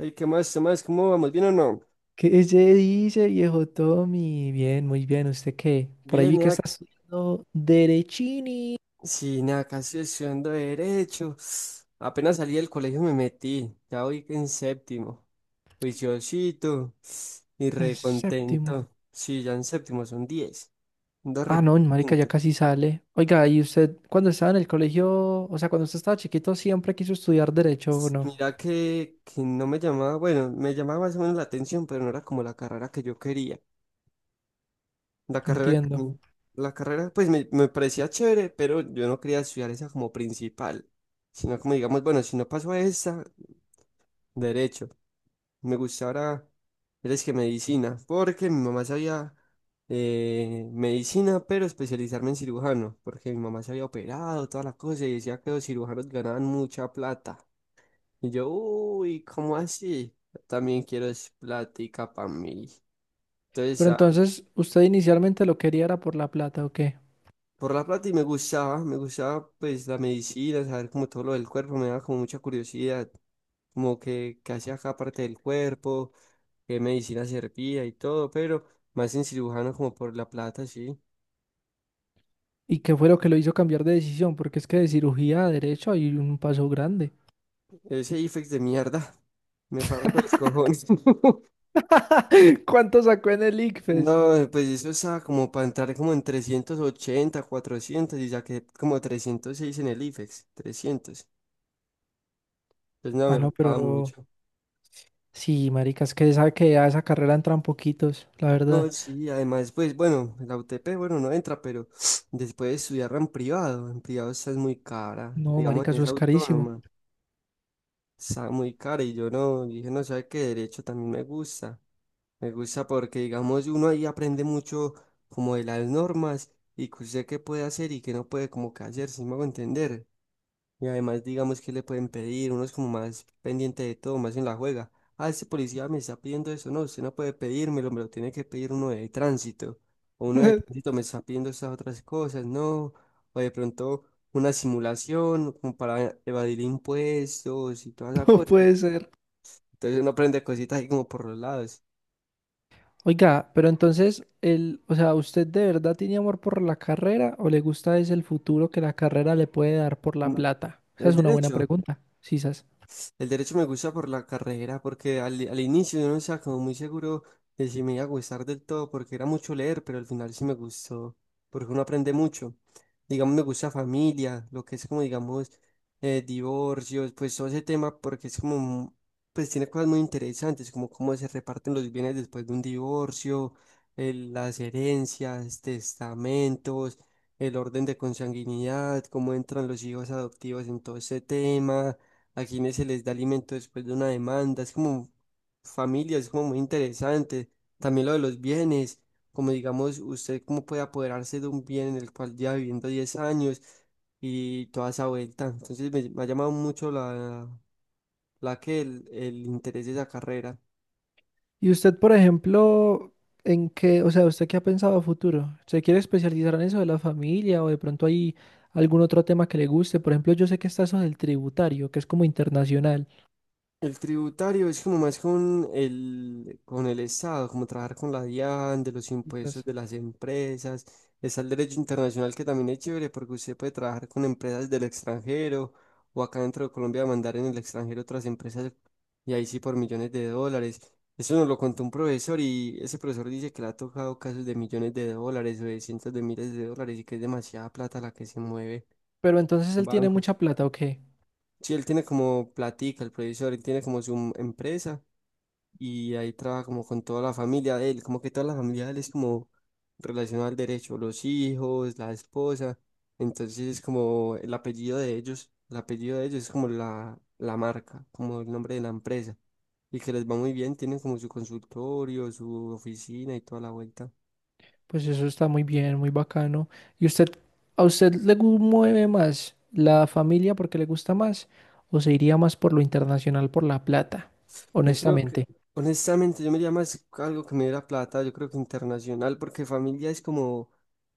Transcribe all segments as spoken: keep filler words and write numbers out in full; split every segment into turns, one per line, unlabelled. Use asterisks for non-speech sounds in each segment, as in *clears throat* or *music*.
Ey, ¿qué más? ¿Qué más? ¿Cómo vamos? ¿Bien o no?
¿Qué se dice, viejo Tommy? Bien, muy bien. ¿Usted qué? Por ahí
Bien,
vi que
ya,
está estudiando Derechini
sí, nada, casi estudiando Derecho. Apenas salí del colegio me metí. Ya voy en séptimo. Juiciosito y
en séptimo.
recontento. Sí, ya en séptimo son diez. Ando
Ah, no, marica, ya
recontento.
casi sale. Oiga, ¿y usted cuando estaba en el colegio, o sea, cuando usted estaba chiquito, siempre quiso estudiar Derecho o no?
Mira que, que no me llamaba, bueno, me llamaba más o menos la atención, pero no era como la carrera que yo quería. La carrera, que a
Entiendo.
mí- La carrera pues me, me parecía chévere, pero yo no quería estudiar esa como principal, sino como digamos, bueno, si no paso a esa, derecho. Me gustaba ahora, eres que medicina, porque mi mamá sabía eh, medicina, pero especializarme en cirujano, porque mi mamá se había operado, todas las cosas, y decía que los cirujanos ganaban mucha plata. Y yo, uy, ¿cómo así? Yo también quiero es plática para mí. Entonces,
Pero entonces, ¿usted inicialmente lo quería era por la plata o qué?
por la plata y me gustaba, me gustaba pues la medicina, saber como todo lo del cuerpo, me daba como mucha curiosidad, como que, qué hacía cada parte del cuerpo, qué medicina servía y todo, pero más en cirujano como por la plata, sí.
¿Y qué fue lo que lo hizo cambiar de decisión? Porque es que de cirugía a Derecho hay un paso grande.
Ese I F E X de mierda, *laughs* me parto los cojones. *laughs*
*laughs* ¿Cuánto sacó en el I C F E S?
No, pues eso estaba como para entrar como en trescientos ochenta cuatrocientos y saqué como trescientos seis en el I F E X, trescientos. Pues no,
Ah,
me
no,
faltaba
pero
mucho.
sí, marica, es que sabe que a esa carrera entran poquitos, la verdad.
No, sí, además, pues bueno, la U T P, bueno, no entra, pero *sniffs* después de estudiarla en privado, en privado esa es muy cara,
No,
digamos,
marica,
en
eso
esa
es carísimo.
autónoma, está muy cara y yo no, dije, no, sabe qué derecho también me gusta, me gusta porque, digamos, uno ahí aprende mucho como de las normas y que usted qué puede hacer y qué no puede como que hacer, si me hago entender, y además, digamos que le pueden pedir, uno es como más pendiente de todo, más en la juega. Ah, ese policía me está pidiendo eso, no, usted no puede pedírmelo, me lo tiene que pedir uno de tránsito. O uno de tránsito
*laughs*
me está pidiendo esas otras cosas, no. O de pronto una simulación como para evadir impuestos y todas esa
No
cosas.
puede ser.
Entonces uno aprende cositas ahí como por los lados.
Oiga, pero entonces, el, o sea, ¿usted de verdad tiene amor por la carrera o le gusta es el futuro que la carrera le puede dar por la
Mm.
plata? Esa
El
es una buena
derecho.
pregunta, sisas.
pues, El derecho me gusta por la carrera, porque al, al inicio yo no estaba como muy seguro de si me iba a gustar del todo, porque era mucho leer, pero al final sí me gustó, porque uno aprende mucho. Digamos, me gusta familia, lo que es como, digamos, eh, divorcios, pues todo ese tema, porque es como, mu- pues tiene cosas muy interesantes, como cómo se reparten los bienes después de un divorcio, el- las herencias, testamentos, el orden de consanguinidad, cómo entran los hijos adoptivos en todo ese tema, a quienes se les da alimento después de una demanda. Es como familia, es como muy interesante. También lo de los bienes, como digamos, usted cómo puede apoderarse de un bien en el cual lleva viviendo diez años y toda esa vuelta. Entonces me, me ha llamado mucho la, la que el, el interés de esa carrera.
Y usted, por ejemplo, ¿en qué, o sea, ¿usted qué ha pensado a futuro? ¿Se quiere especializar en eso de la familia o de pronto hay algún otro tema que le guste? Por ejemplo, yo sé que está eso del tributario, que es como internacional.
El tributario es como más con el, con el Estado, como trabajar con la DIAN, de los impuestos
Quizás.
de las empresas. Está el derecho internacional que también es chévere porque usted puede trabajar con empresas del extranjero o acá dentro de Colombia mandar en el extranjero otras empresas y ahí sí por millones de dólares. Eso nos lo contó un profesor y ese profesor dice que le ha tocado casos de millones de dólares o de cientos de miles de dólares y que es demasiada plata la que se mueve
Pero entonces
en
él tiene
bancos.
mucha plata, ¿o qué?
Sí, él tiene como platica, el profesor, él tiene como su em-, empresa y ahí trabaja como con toda la familia de él, como que toda la familia de él es como relacionada al derecho, los hijos, la esposa, entonces es como el apellido de ellos, el apellido de ellos es como la, la marca, como el nombre de la empresa, y que les va muy bien, tienen como su consultorio, su oficina y toda la vuelta.
Pues eso está muy bien, muy bacano. ¿Y usted, a usted le gu- mueve más la familia porque le gusta más? ¿O se iría más por lo internacional, por la plata?
Yo creo que,
Honestamente.
honestamente, yo me iría más a algo que me diera plata, yo creo que internacional, porque familia es como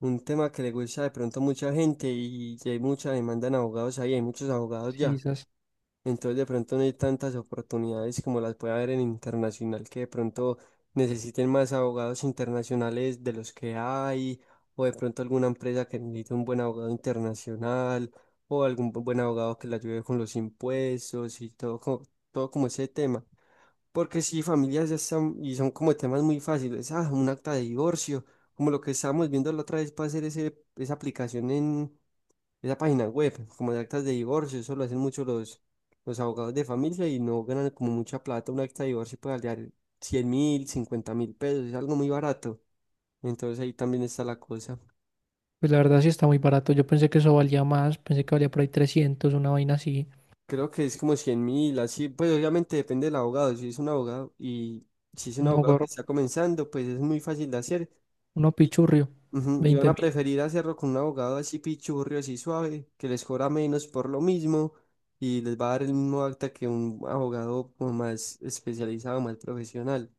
un tema que le gusta de pronto a mucha gente y hay mucha demanda en abogados ahí, hay muchos abogados
Sí,
ya.
esas.
Entonces de pronto no hay tantas oportunidades como las puede haber en internacional, que de pronto necesiten más abogados internacionales de los que hay, o de pronto alguna empresa que necesite un buen abogado internacional, o algún bu- buen abogado que le ayude con los impuestos y todo, co- todo como ese tema. Porque si familias ya están, y son como temas muy fáciles, ah, un acta de divorcio, como lo que estábamos viendo la otra vez para hacer ese, esa aplicación en esa página web, como de actas de divorcio, eso lo hacen mucho los, los abogados de familia y no ganan como mucha plata, un acta de divorcio puede valer cien mil, cincuenta mil pesos, es algo muy barato, entonces ahí también está la cosa.
Pues la verdad sí está muy barato. Yo pensé que eso valía más. Pensé que valía por ahí trescientos, una vaina así.
Creo que es como cien mil, así, pues obviamente depende del abogado, si es un abogado y si es un
No,
abogado que
gorro.
está comenzando, pues es muy fácil de hacer.
Uno pichurrio.
Ujú. Y van a
veinte mil.
preferir hacerlo con un abogado así pichurrio, así suave, que les cobra menos por lo mismo y les va a dar el mismo acta que un abogado como más especializado, más profesional.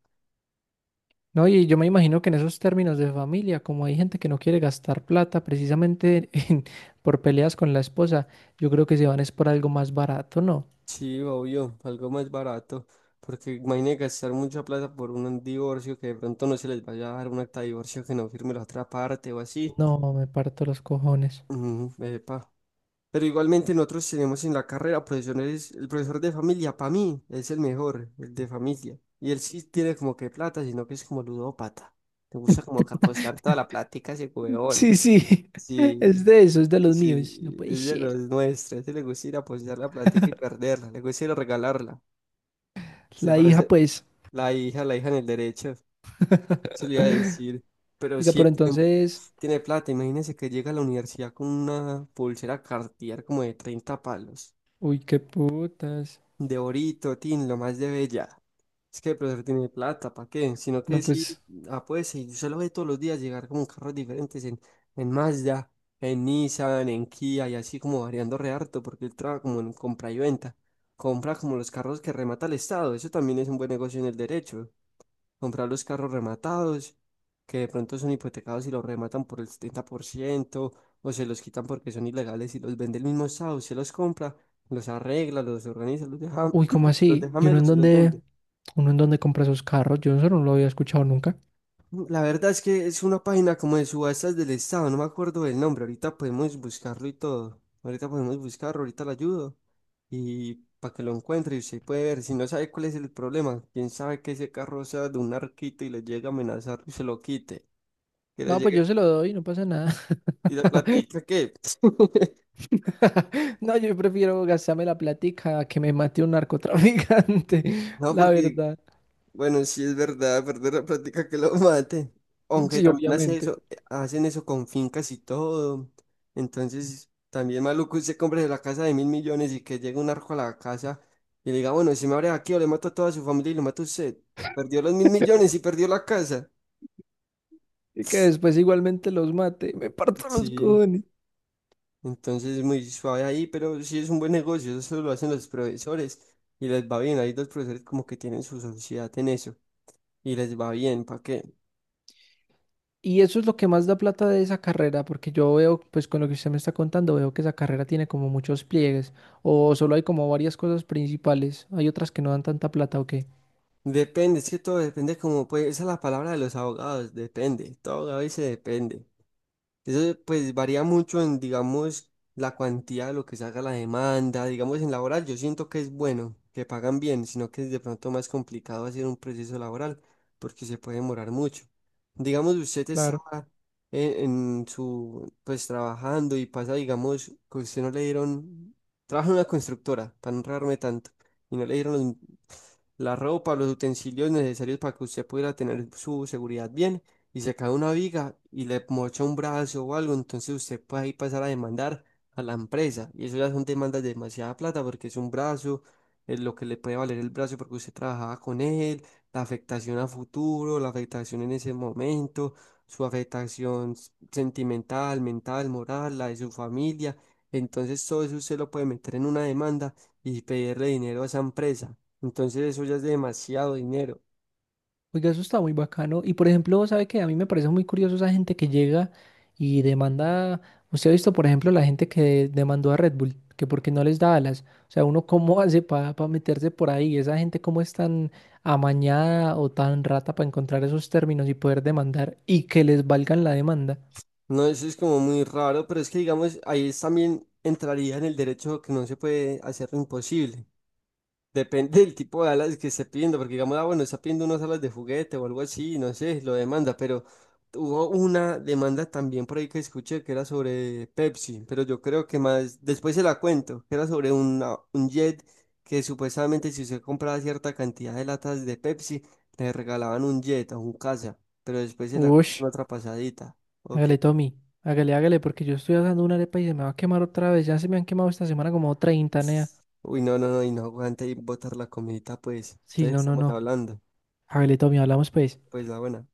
No, y yo me imagino que en esos términos de familia, como hay gente que no quiere gastar plata precisamente *laughs* en- por peleas con la esposa, yo creo que se van es por algo más barato, ¿no?
Sí, obvio, algo más barato, porque imagínate gastar mucha plata por un divorcio que de pronto no se les vaya a dar un acta de divorcio que no firme la otra parte o así.
No, me parto los cojones.
Ujú, epa. Pero igualmente nosotros tenemos en la carrera profesores, el profesor de familia para mí es el mejor, el de familia. Y él sí tiene como que plata, sino que es como ludópata. Te gusta como que apostar toda la plática a ese huevón.
Sí, sí, *laughs*
Sí,
es de eso, es de los míos. No
sí,
puede
es de
ser.
los nuestros. A ese le gusta ir a apostar la plática y perderla. Le gusta ir a regalarla. Se
La hija,
parece
pues.
la hija, la hija en el derecho. Se le iba a
*laughs*
decir. Pero
Oiga,
sí, él
pero
tiene,
entonces,
tiene plata. Imagínense que llega a la universidad con una pulsera Cartier como de treinta palos.
uy, qué putas.
De orito, tin, lo más de bella. Es que el profesor tiene plata, ¿para qué? Sino que
No,
sí,
pues,
ah, pues sí, usted lo ve todos los días llegar como carros diferentes en, en Mazda, en Nissan, en Kia y así como variando re harto, porque él trabaja como en compra y venta. Compra como los carros que remata el Estado, eso también es un buen negocio en el derecho comprar los carros rematados, que de pronto son hipotecados y los rematan por el setenta por ciento o se los quitan porque son ilegales y los vende el mismo Estado, se los compra, los arregla, los organiza, los deja,
uy, ¿cómo
*clears throat* los
así?
deja
¿Y uno en
melos y los
dónde,
vende.
uno en dónde compra esos carros? Yo eso no lo había escuchado nunca.
La verdad es que es una página como de subastas del Estado, no me acuerdo del nombre, ahorita podemos buscarlo y todo, ahorita podemos buscarlo, ahorita le ayudo y para que lo encuentre y usted puede ver, si no sabe cuál es el problema, quién sabe que ese carro sea de un arquito y le llegue a amenazar y se lo quite. Que le
No, pues yo se
llegue.
lo doy, no pasa nada.
Y la plática que, *laughs*
*laughs* No, yo prefiero gastarme la platica a que me mate un narcotraficante, *laughs*
no,
la
porque,
verdad.
bueno, sí es verdad, perder la plática que lo mate. Aunque
Sí,
también hace
obviamente.
eso, hacen eso con fincas y todo. Entonces, también maluco usted compre la casa de mil millones y que llegue un arco a la casa y le diga, bueno, si me abre aquí o le mato a toda su familia y lo mato a usted. Perdió los mil millones y perdió la casa.
Y que después igualmente los mate, me parto los
Sí,
cojones.
entonces muy suave ahí, pero sí es un buen negocio, eso lo hacen los profesores y les va bien. Ahí los profesores como que tienen su sociedad en eso. Y les va bien, ¿para qué?
Y eso es lo que más da plata de esa carrera, porque yo veo, pues con lo que usted me está contando, veo que esa carrera tiene como muchos pliegues, o solo hay como varias cosas principales, hay otras que no dan tanta plata, ¿o qué?
Depende, es que todo depende como pues, esa es la palabra de los abogados, depende, todo abogado dice depende. Eso pues varía mucho en, digamos, la cuantía de lo que se haga la demanda. Digamos, en laboral yo siento que es bueno, que pagan bien, sino que es de pronto más complicado hacer un proceso laboral porque se puede demorar mucho. Digamos, usted está
Claro.
en, en su, pues trabajando y pasa, digamos, que usted no le dieron, trabaja en una constructora, para no enredarme tanto, y no le dieron los- la ropa, los utensilios necesarios para que usted pudiera tener su seguridad bien y se cae una viga y le mocha un brazo o algo, entonces usted puede ahí pasar a demandar a la empresa. Y eso ya son demandas de demasiada plata porque es un brazo, es lo que le puede valer el brazo porque usted trabajaba con él, la afectación a futuro, la afectación en ese momento, su afectación s- sentimental, mental, moral, la de su familia. Entonces todo eso usted lo puede meter en una demanda y pedirle dinero a esa empresa. Entonces eso ya es demasiado dinero.
Oiga, eso está muy bacano. Y por ejemplo, ¿sabe qué? A mí me parece muy curioso esa gente que llega y demanda. Usted ha visto, por ejemplo, la gente que demandó a Red Bull, que porque no les da alas. O sea, uno cómo *laughs* hace para meterse por ahí. Esa gente cómo es tan amañada o tan rata para encontrar esos términos y poder demandar y que les valgan la demanda.
No, eso es como muy raro, pero es que digamos, ahí es también entraría en el derecho que no se puede hacer lo imposible. Depende del tipo de alas que esté pidiendo, porque digamos, ah, bueno, está pidiendo unas alas de juguete o algo así, no sé, lo demanda, pero hubo una demanda también por ahí que escuché que era sobre Pepsi, pero yo creo que más, después se la cuento, que era sobre una- un jet que supuestamente si usted compraba cierta cantidad de latas de Pepsi, le regalaban un jet a un casa, pero después se la cuento
Ush,
en otra pasadita. Ok.
hágale, Tommy. Hágale, hágale, porque yo estoy haciendo una arepa y se me va a quemar otra vez. Ya se me han quemado esta semana como treinta, nea.
Uy, no, no, no, y no aguanta y botar la comidita, pues.
Sí,
Entonces
no, no,
estamos
no.
hablando,
Hágale, Tommy, hablamos pues.
pues la buena.